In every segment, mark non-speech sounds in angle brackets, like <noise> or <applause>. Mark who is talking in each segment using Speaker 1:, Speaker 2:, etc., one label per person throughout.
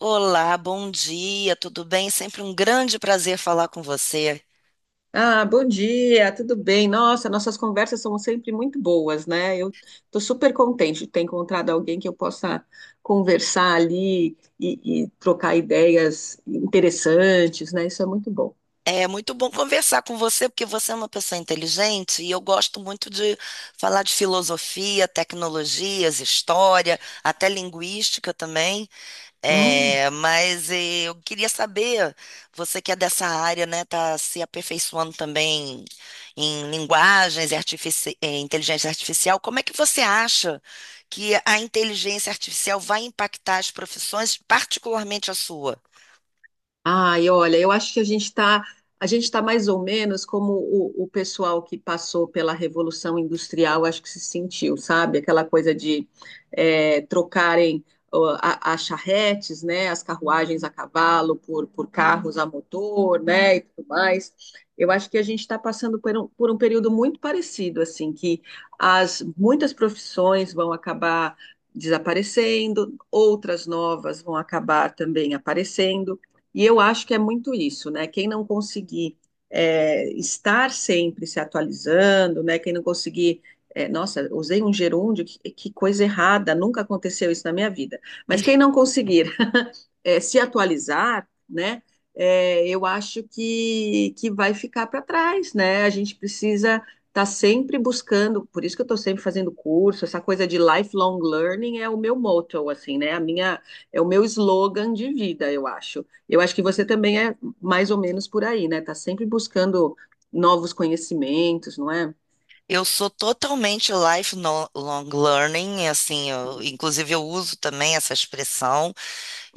Speaker 1: Olá, bom dia, tudo bem? Sempre um grande prazer falar com você.
Speaker 2: Ah, bom dia, tudo bem? Nossa, nossas conversas são sempre muito boas, né? Eu estou super contente de ter encontrado alguém que eu possa conversar ali e trocar ideias interessantes, né? Isso é muito bom.
Speaker 1: É muito bom conversar com você, porque você é uma pessoa inteligente e eu gosto muito de falar de filosofia, tecnologias, história, até linguística também.
Speaker 2: Hum.
Speaker 1: É, mas eu queria saber, você que é dessa área, né, tá se aperfeiçoando também em linguagens e inteligência artificial, como é que você acha que a inteligência artificial vai impactar as profissões, particularmente a sua?
Speaker 2: Ai, olha, eu acho que a gente está mais ou menos como o pessoal que passou pela Revolução Industrial, acho que se sentiu, sabe? Aquela coisa de trocarem ó, as charretes, né? As carruagens a cavalo por carros a motor, né? E tudo mais. Eu acho que a gente está passando por um período muito parecido, assim, que as muitas profissões vão acabar desaparecendo, outras novas vão acabar também aparecendo. E eu acho que é muito isso, né? Quem não conseguir estar sempre se atualizando, né? Quem não conseguir. Nossa, usei um gerúndio, que coisa errada, nunca aconteceu isso na minha vida. Mas quem não conseguir se atualizar, né? É, eu acho que vai ficar para trás, né? A gente precisa estar tá sempre buscando, por isso que eu estou sempre fazendo curso, essa coisa de lifelong learning é o meu motto, assim, né? É o meu slogan de vida, eu acho. Eu acho que você também é mais ou menos por aí, né? Tá sempre buscando novos conhecimentos, não é?
Speaker 1: Eu sou totalmente lifelong learning, assim,
Speaker 2: Uhum,
Speaker 1: inclusive eu uso também essa expressão.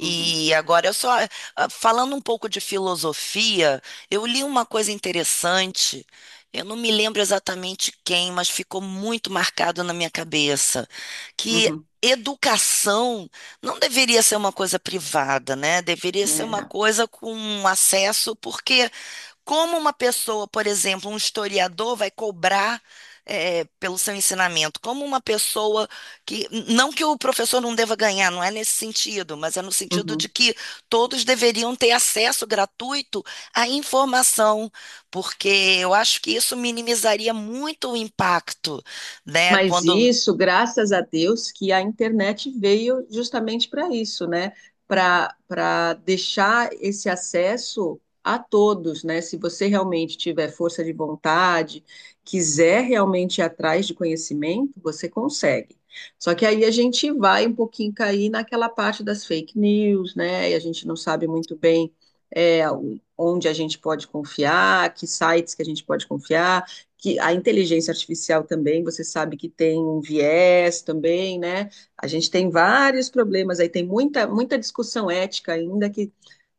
Speaker 2: uhum,
Speaker 1: agora eu só falando um pouco de filosofia, eu li uma coisa interessante. Eu não me lembro exatamente quem, mas ficou muito marcado na minha cabeça que
Speaker 2: uhum.
Speaker 1: educação não deveria ser uma coisa privada, né? Deveria ser uma
Speaker 2: É,
Speaker 1: coisa com acesso, porque como uma pessoa, por exemplo, um historiador vai cobrar pelo seu ensinamento? Como uma pessoa que. Não que o professor não deva ganhar, não é nesse sentido, mas é no sentido
Speaker 2: uhum.
Speaker 1: de que todos deveriam ter acesso gratuito à informação, porque eu acho que isso minimizaria muito o impacto, né?
Speaker 2: Mas
Speaker 1: Quando.
Speaker 2: isso, graças a Deus, que a internet veio justamente para isso, né? Para deixar esse acesso a todos, né? Se você realmente tiver força de vontade, quiser realmente ir atrás de conhecimento, você consegue. Só que aí a gente vai um pouquinho cair naquela parte das fake news, né? E a gente não sabe muito bem é, onde a gente pode confiar, que sites que a gente pode confiar que a inteligência artificial também, você sabe que tem um viés também, né? A gente tem vários problemas aí, tem muita discussão ética ainda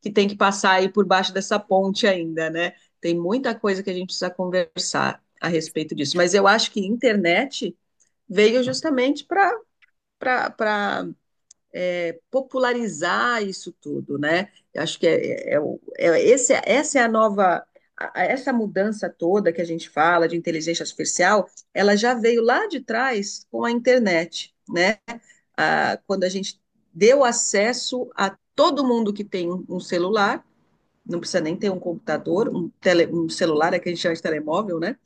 Speaker 2: que tem que passar aí por baixo dessa ponte ainda, né? Tem muita coisa que a gente precisa conversar a respeito disso. Mas eu acho que internet veio justamente para popularizar isso tudo, né? Eu acho que esse, essa é a nova, essa mudança toda que a gente fala de inteligência artificial, ela já veio lá de trás com a internet, né? Ah, quando a gente deu acesso a todo mundo que tem um celular, não precisa nem ter um computador, um celular, é que a gente chama de telemóvel, né?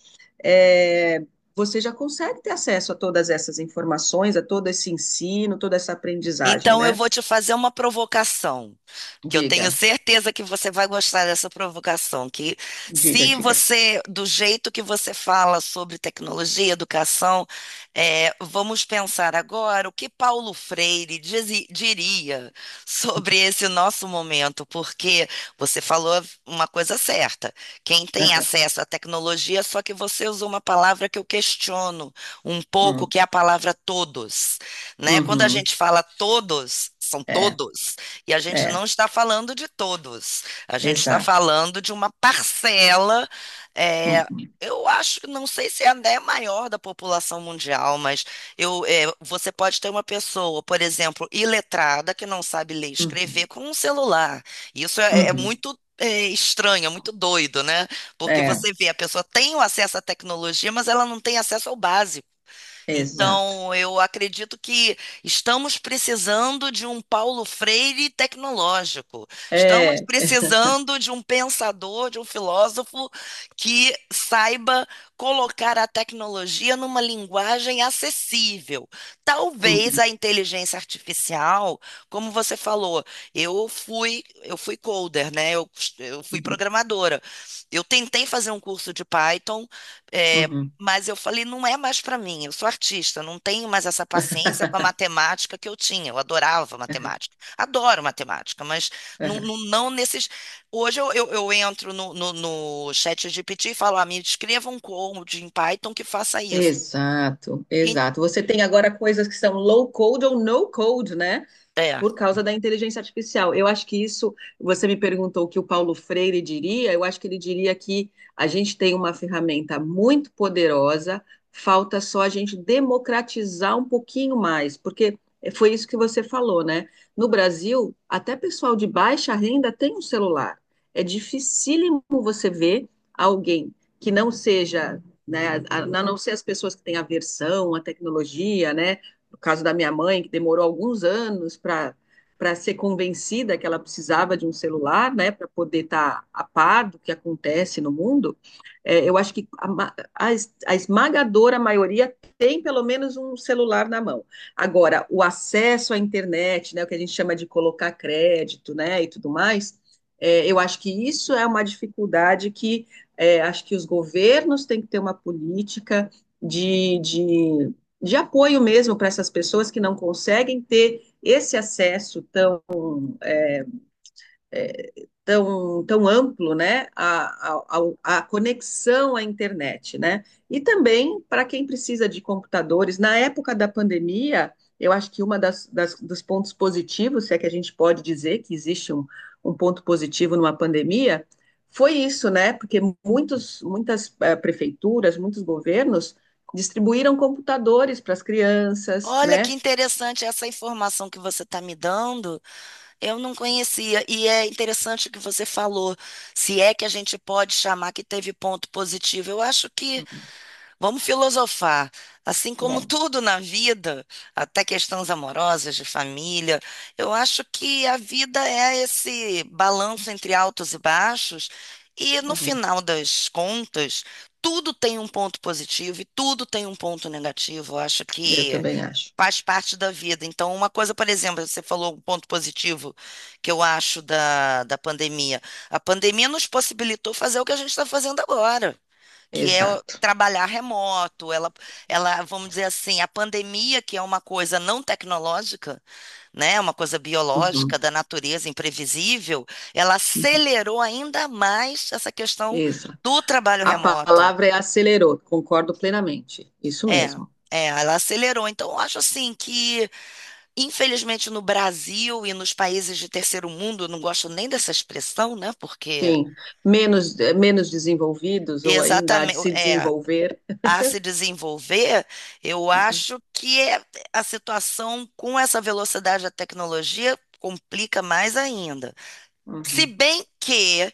Speaker 2: É, você já consegue ter acesso a todas essas informações, a todo esse ensino, toda essa aprendizagem,
Speaker 1: Então eu
Speaker 2: né?
Speaker 1: vou te fazer uma provocação, que eu tenho
Speaker 2: Diga.
Speaker 1: certeza que você vai gostar dessa provocação, que se
Speaker 2: Diga.
Speaker 1: você, do jeito que você fala sobre tecnologia, educação, é, vamos pensar agora o que Paulo Freire diria sobre esse nosso momento, porque você falou uma coisa certa, quem tem
Speaker 2: Aham.
Speaker 1: acesso à tecnologia, só que você usou uma palavra que eu questiono um pouco,
Speaker 2: Hum,
Speaker 1: que é a palavra todos, né? Quando a
Speaker 2: uhum,
Speaker 1: gente fala todos, são
Speaker 2: é,
Speaker 1: todos, e a gente não
Speaker 2: é,
Speaker 1: está falando de todos, a gente está
Speaker 2: exato.
Speaker 1: falando de uma parcela, é,
Speaker 2: Uhum,
Speaker 1: eu acho que não sei se é até maior da população mundial, mas eu, é, você pode ter uma pessoa, por exemplo, iletrada que não sabe ler e
Speaker 2: uhum,
Speaker 1: escrever com um celular. Isso é, é
Speaker 2: uhum,
Speaker 1: muito, é estranho, é muito doido, né? Porque
Speaker 2: é,
Speaker 1: você vê, a pessoa tem o acesso à tecnologia, mas ela não tem acesso ao básico.
Speaker 2: exato.
Speaker 1: Então, eu acredito que estamos precisando de um Paulo Freire tecnológico. Estamos
Speaker 2: É,
Speaker 1: precisando de um pensador, de um filósofo que saiba colocar a tecnologia numa linguagem acessível. Talvez
Speaker 2: uhum,
Speaker 1: a inteligência artificial, como você falou, eu fui coder, né? Eu fui
Speaker 2: uhum,
Speaker 1: programadora. Eu tentei fazer um curso de Python, eh,
Speaker 2: uhum.
Speaker 1: mas eu falei, não é mais para mim, eu sou artista, não tenho mais essa paciência com a
Speaker 2: <laughs>
Speaker 1: matemática que eu tinha. Eu adorava matemática, adoro matemática, mas não,
Speaker 2: É.
Speaker 1: não, não nesses. Hoje eu entro no chat GPT e falo, ah, me escreva um code em Python que faça isso. E-
Speaker 2: Exato. Você tem agora coisas que são low code ou no code, né?
Speaker 1: É.
Speaker 2: Por causa da inteligência artificial. Eu acho que isso, você me perguntou o que o Paulo Freire diria, eu acho que ele diria que a gente tem uma ferramenta muito poderosa, falta só a gente democratizar um pouquinho mais, porque foi isso que você falou, né? No Brasil, até pessoal de baixa renda tem um celular. É dificílimo você ver alguém que não seja né, a não ser as pessoas que têm aversão à tecnologia, né, no caso da minha mãe, que demorou alguns anos para ser convencida que ela precisava de um celular, né, para poder estar tá a par do que acontece no mundo, é, eu acho que a, a esmagadora maioria tem pelo menos um celular na mão. Agora, o acesso à internet, né, o que a gente chama de colocar crédito, né, e tudo mais, é, eu acho que isso é uma dificuldade que é, acho que os governos têm que ter uma política de, de, de apoio mesmo para essas pessoas que não conseguem ter esse acesso tão é, tão, tão amplo, né, a conexão à internet, né? E também para quem precisa de computadores. Na época da pandemia, eu acho que uma dos pontos positivos, se é que a gente pode dizer que existe um, um ponto positivo numa pandemia, foi isso, né? Porque muitas prefeituras, muitos governos distribuíram computadores para as crianças,
Speaker 1: Olha que
Speaker 2: né?
Speaker 1: interessante essa informação que você está me dando, eu não conhecia. E é interessante o que você falou, se é que a gente pode chamar que teve ponto positivo. Eu acho que. Vamos filosofar. Assim como
Speaker 2: Uhum.
Speaker 1: tudo na vida, até questões amorosas, de família, eu acho que a vida é esse balanço entre altos e baixos, e no
Speaker 2: Uhum.
Speaker 1: final das contas, tudo tem um ponto positivo e tudo tem um ponto negativo. Eu acho
Speaker 2: Eu
Speaker 1: que
Speaker 2: também acho.
Speaker 1: faz parte da vida. Então, uma coisa, por exemplo, você falou um ponto positivo que eu acho da pandemia. A pandemia nos possibilitou fazer o que a gente está fazendo agora, que é
Speaker 2: Exato.
Speaker 1: trabalhar remoto, ela, vamos dizer assim, a pandemia, que é uma coisa não tecnológica, né, é uma coisa
Speaker 2: Uhum.
Speaker 1: biológica da natureza imprevisível, ela acelerou ainda mais essa questão
Speaker 2: Isso.
Speaker 1: do trabalho
Speaker 2: A
Speaker 1: remoto.
Speaker 2: palavra é acelerou, concordo plenamente. Isso
Speaker 1: É,
Speaker 2: mesmo.
Speaker 1: é, ela acelerou. Então, eu acho assim que, infelizmente, no Brasil e nos países de terceiro mundo, eu não gosto nem dessa expressão, né, porque.
Speaker 2: Sim. Menos, menos desenvolvidos ou ainda há de
Speaker 1: Exatamente,
Speaker 2: se desenvolver.
Speaker 1: a se desenvolver, eu acho que a situação com essa velocidade da tecnologia complica mais ainda. Se
Speaker 2: Uhum.
Speaker 1: bem que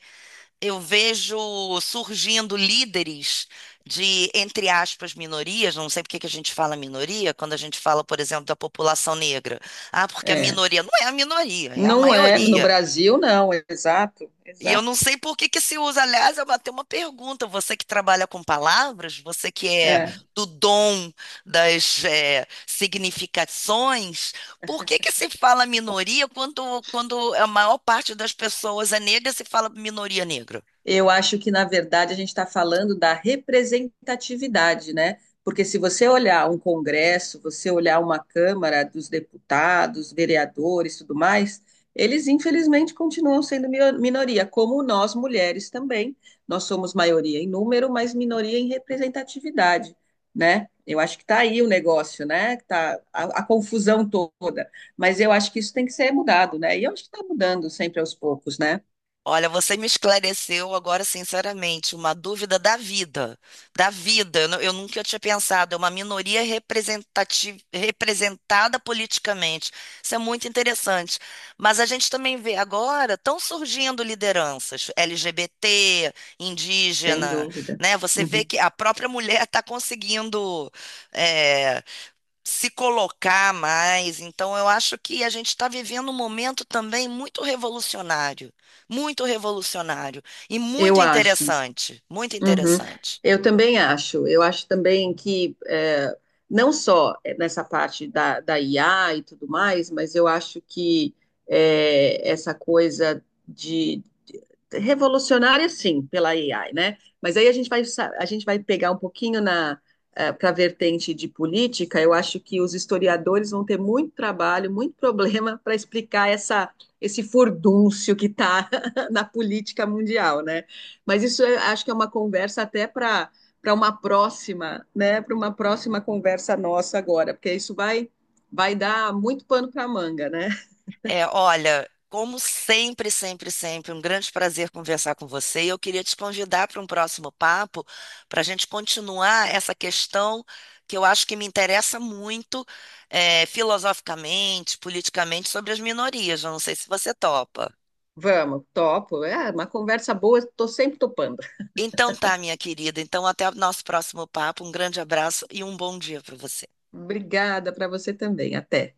Speaker 1: eu vejo surgindo líderes de, entre aspas, minorias, não sei por que que a gente fala minoria, quando a gente fala, por exemplo, da população negra. Ah, porque a
Speaker 2: É.
Speaker 1: minoria não é a minoria, é a
Speaker 2: Não é, no
Speaker 1: maioria.
Speaker 2: Brasil não, é exato,
Speaker 1: E eu não
Speaker 2: exato.
Speaker 1: sei por que que se usa. Aliás, eu bati uma pergunta. Você que trabalha com palavras, você que é
Speaker 2: É.
Speaker 1: do dom das significações, por que que se fala minoria quando, quando a maior parte das pessoas é negra, se fala minoria negra?
Speaker 2: Eu acho que, na verdade, a gente está falando da representatividade, né? Porque se você olhar um congresso, você olhar uma Câmara dos deputados, vereadores, tudo mais, eles infelizmente continuam sendo minoria, como nós mulheres também. Nós somos maioria em número, mas minoria em representatividade, né? Eu acho que está aí o negócio, né? Que tá a confusão toda. Mas eu acho que isso tem que ser mudado, né? E eu acho que está mudando sempre aos poucos, né?
Speaker 1: Olha, você me esclareceu agora, sinceramente, uma dúvida da vida. Da vida, eu, eu nunca tinha pensado. É uma minoria representada politicamente. Isso é muito interessante. Mas a gente também vê agora, estão surgindo lideranças LGBT,
Speaker 2: Sem
Speaker 1: indígena,
Speaker 2: dúvida.
Speaker 1: né? Você vê
Speaker 2: Uhum.
Speaker 1: que a própria mulher está conseguindo eh, se colocar mais. Então, eu acho que a gente está vivendo um momento também muito revolucionário e muito
Speaker 2: Eu acho.
Speaker 1: interessante, muito
Speaker 2: Uhum.
Speaker 1: interessante.
Speaker 2: Eu também acho. Eu acho também que é, não só nessa parte da IA e tudo mais, mas eu acho que é, essa coisa de revolucionária, sim, pela AI, né? Mas aí a gente vai, a gente vai pegar um pouquinho na para a vertente de política. Eu acho que os historiadores vão ter muito trabalho, muito <laughs> problema para explicar essa, esse furdúncio que está <laughs> na política mundial, né? Mas isso eu acho que é uma conversa até para uma próxima, né? Para uma próxima conversa nossa agora, porque isso vai dar muito pano para manga, né?
Speaker 1: É, olha, como sempre, sempre, sempre, um grande prazer conversar com você. E eu queria te convidar para um próximo papo, para a gente continuar essa questão que eu acho que me interessa muito, é, filosoficamente, politicamente, sobre as minorias. Eu não sei se você topa.
Speaker 2: Vamos, topo. É uma conversa boa, estou sempre topando.
Speaker 1: Então tá, minha querida. Então até o nosso próximo papo. Um grande abraço e um bom dia para você.
Speaker 2: Obrigada para você também. Até.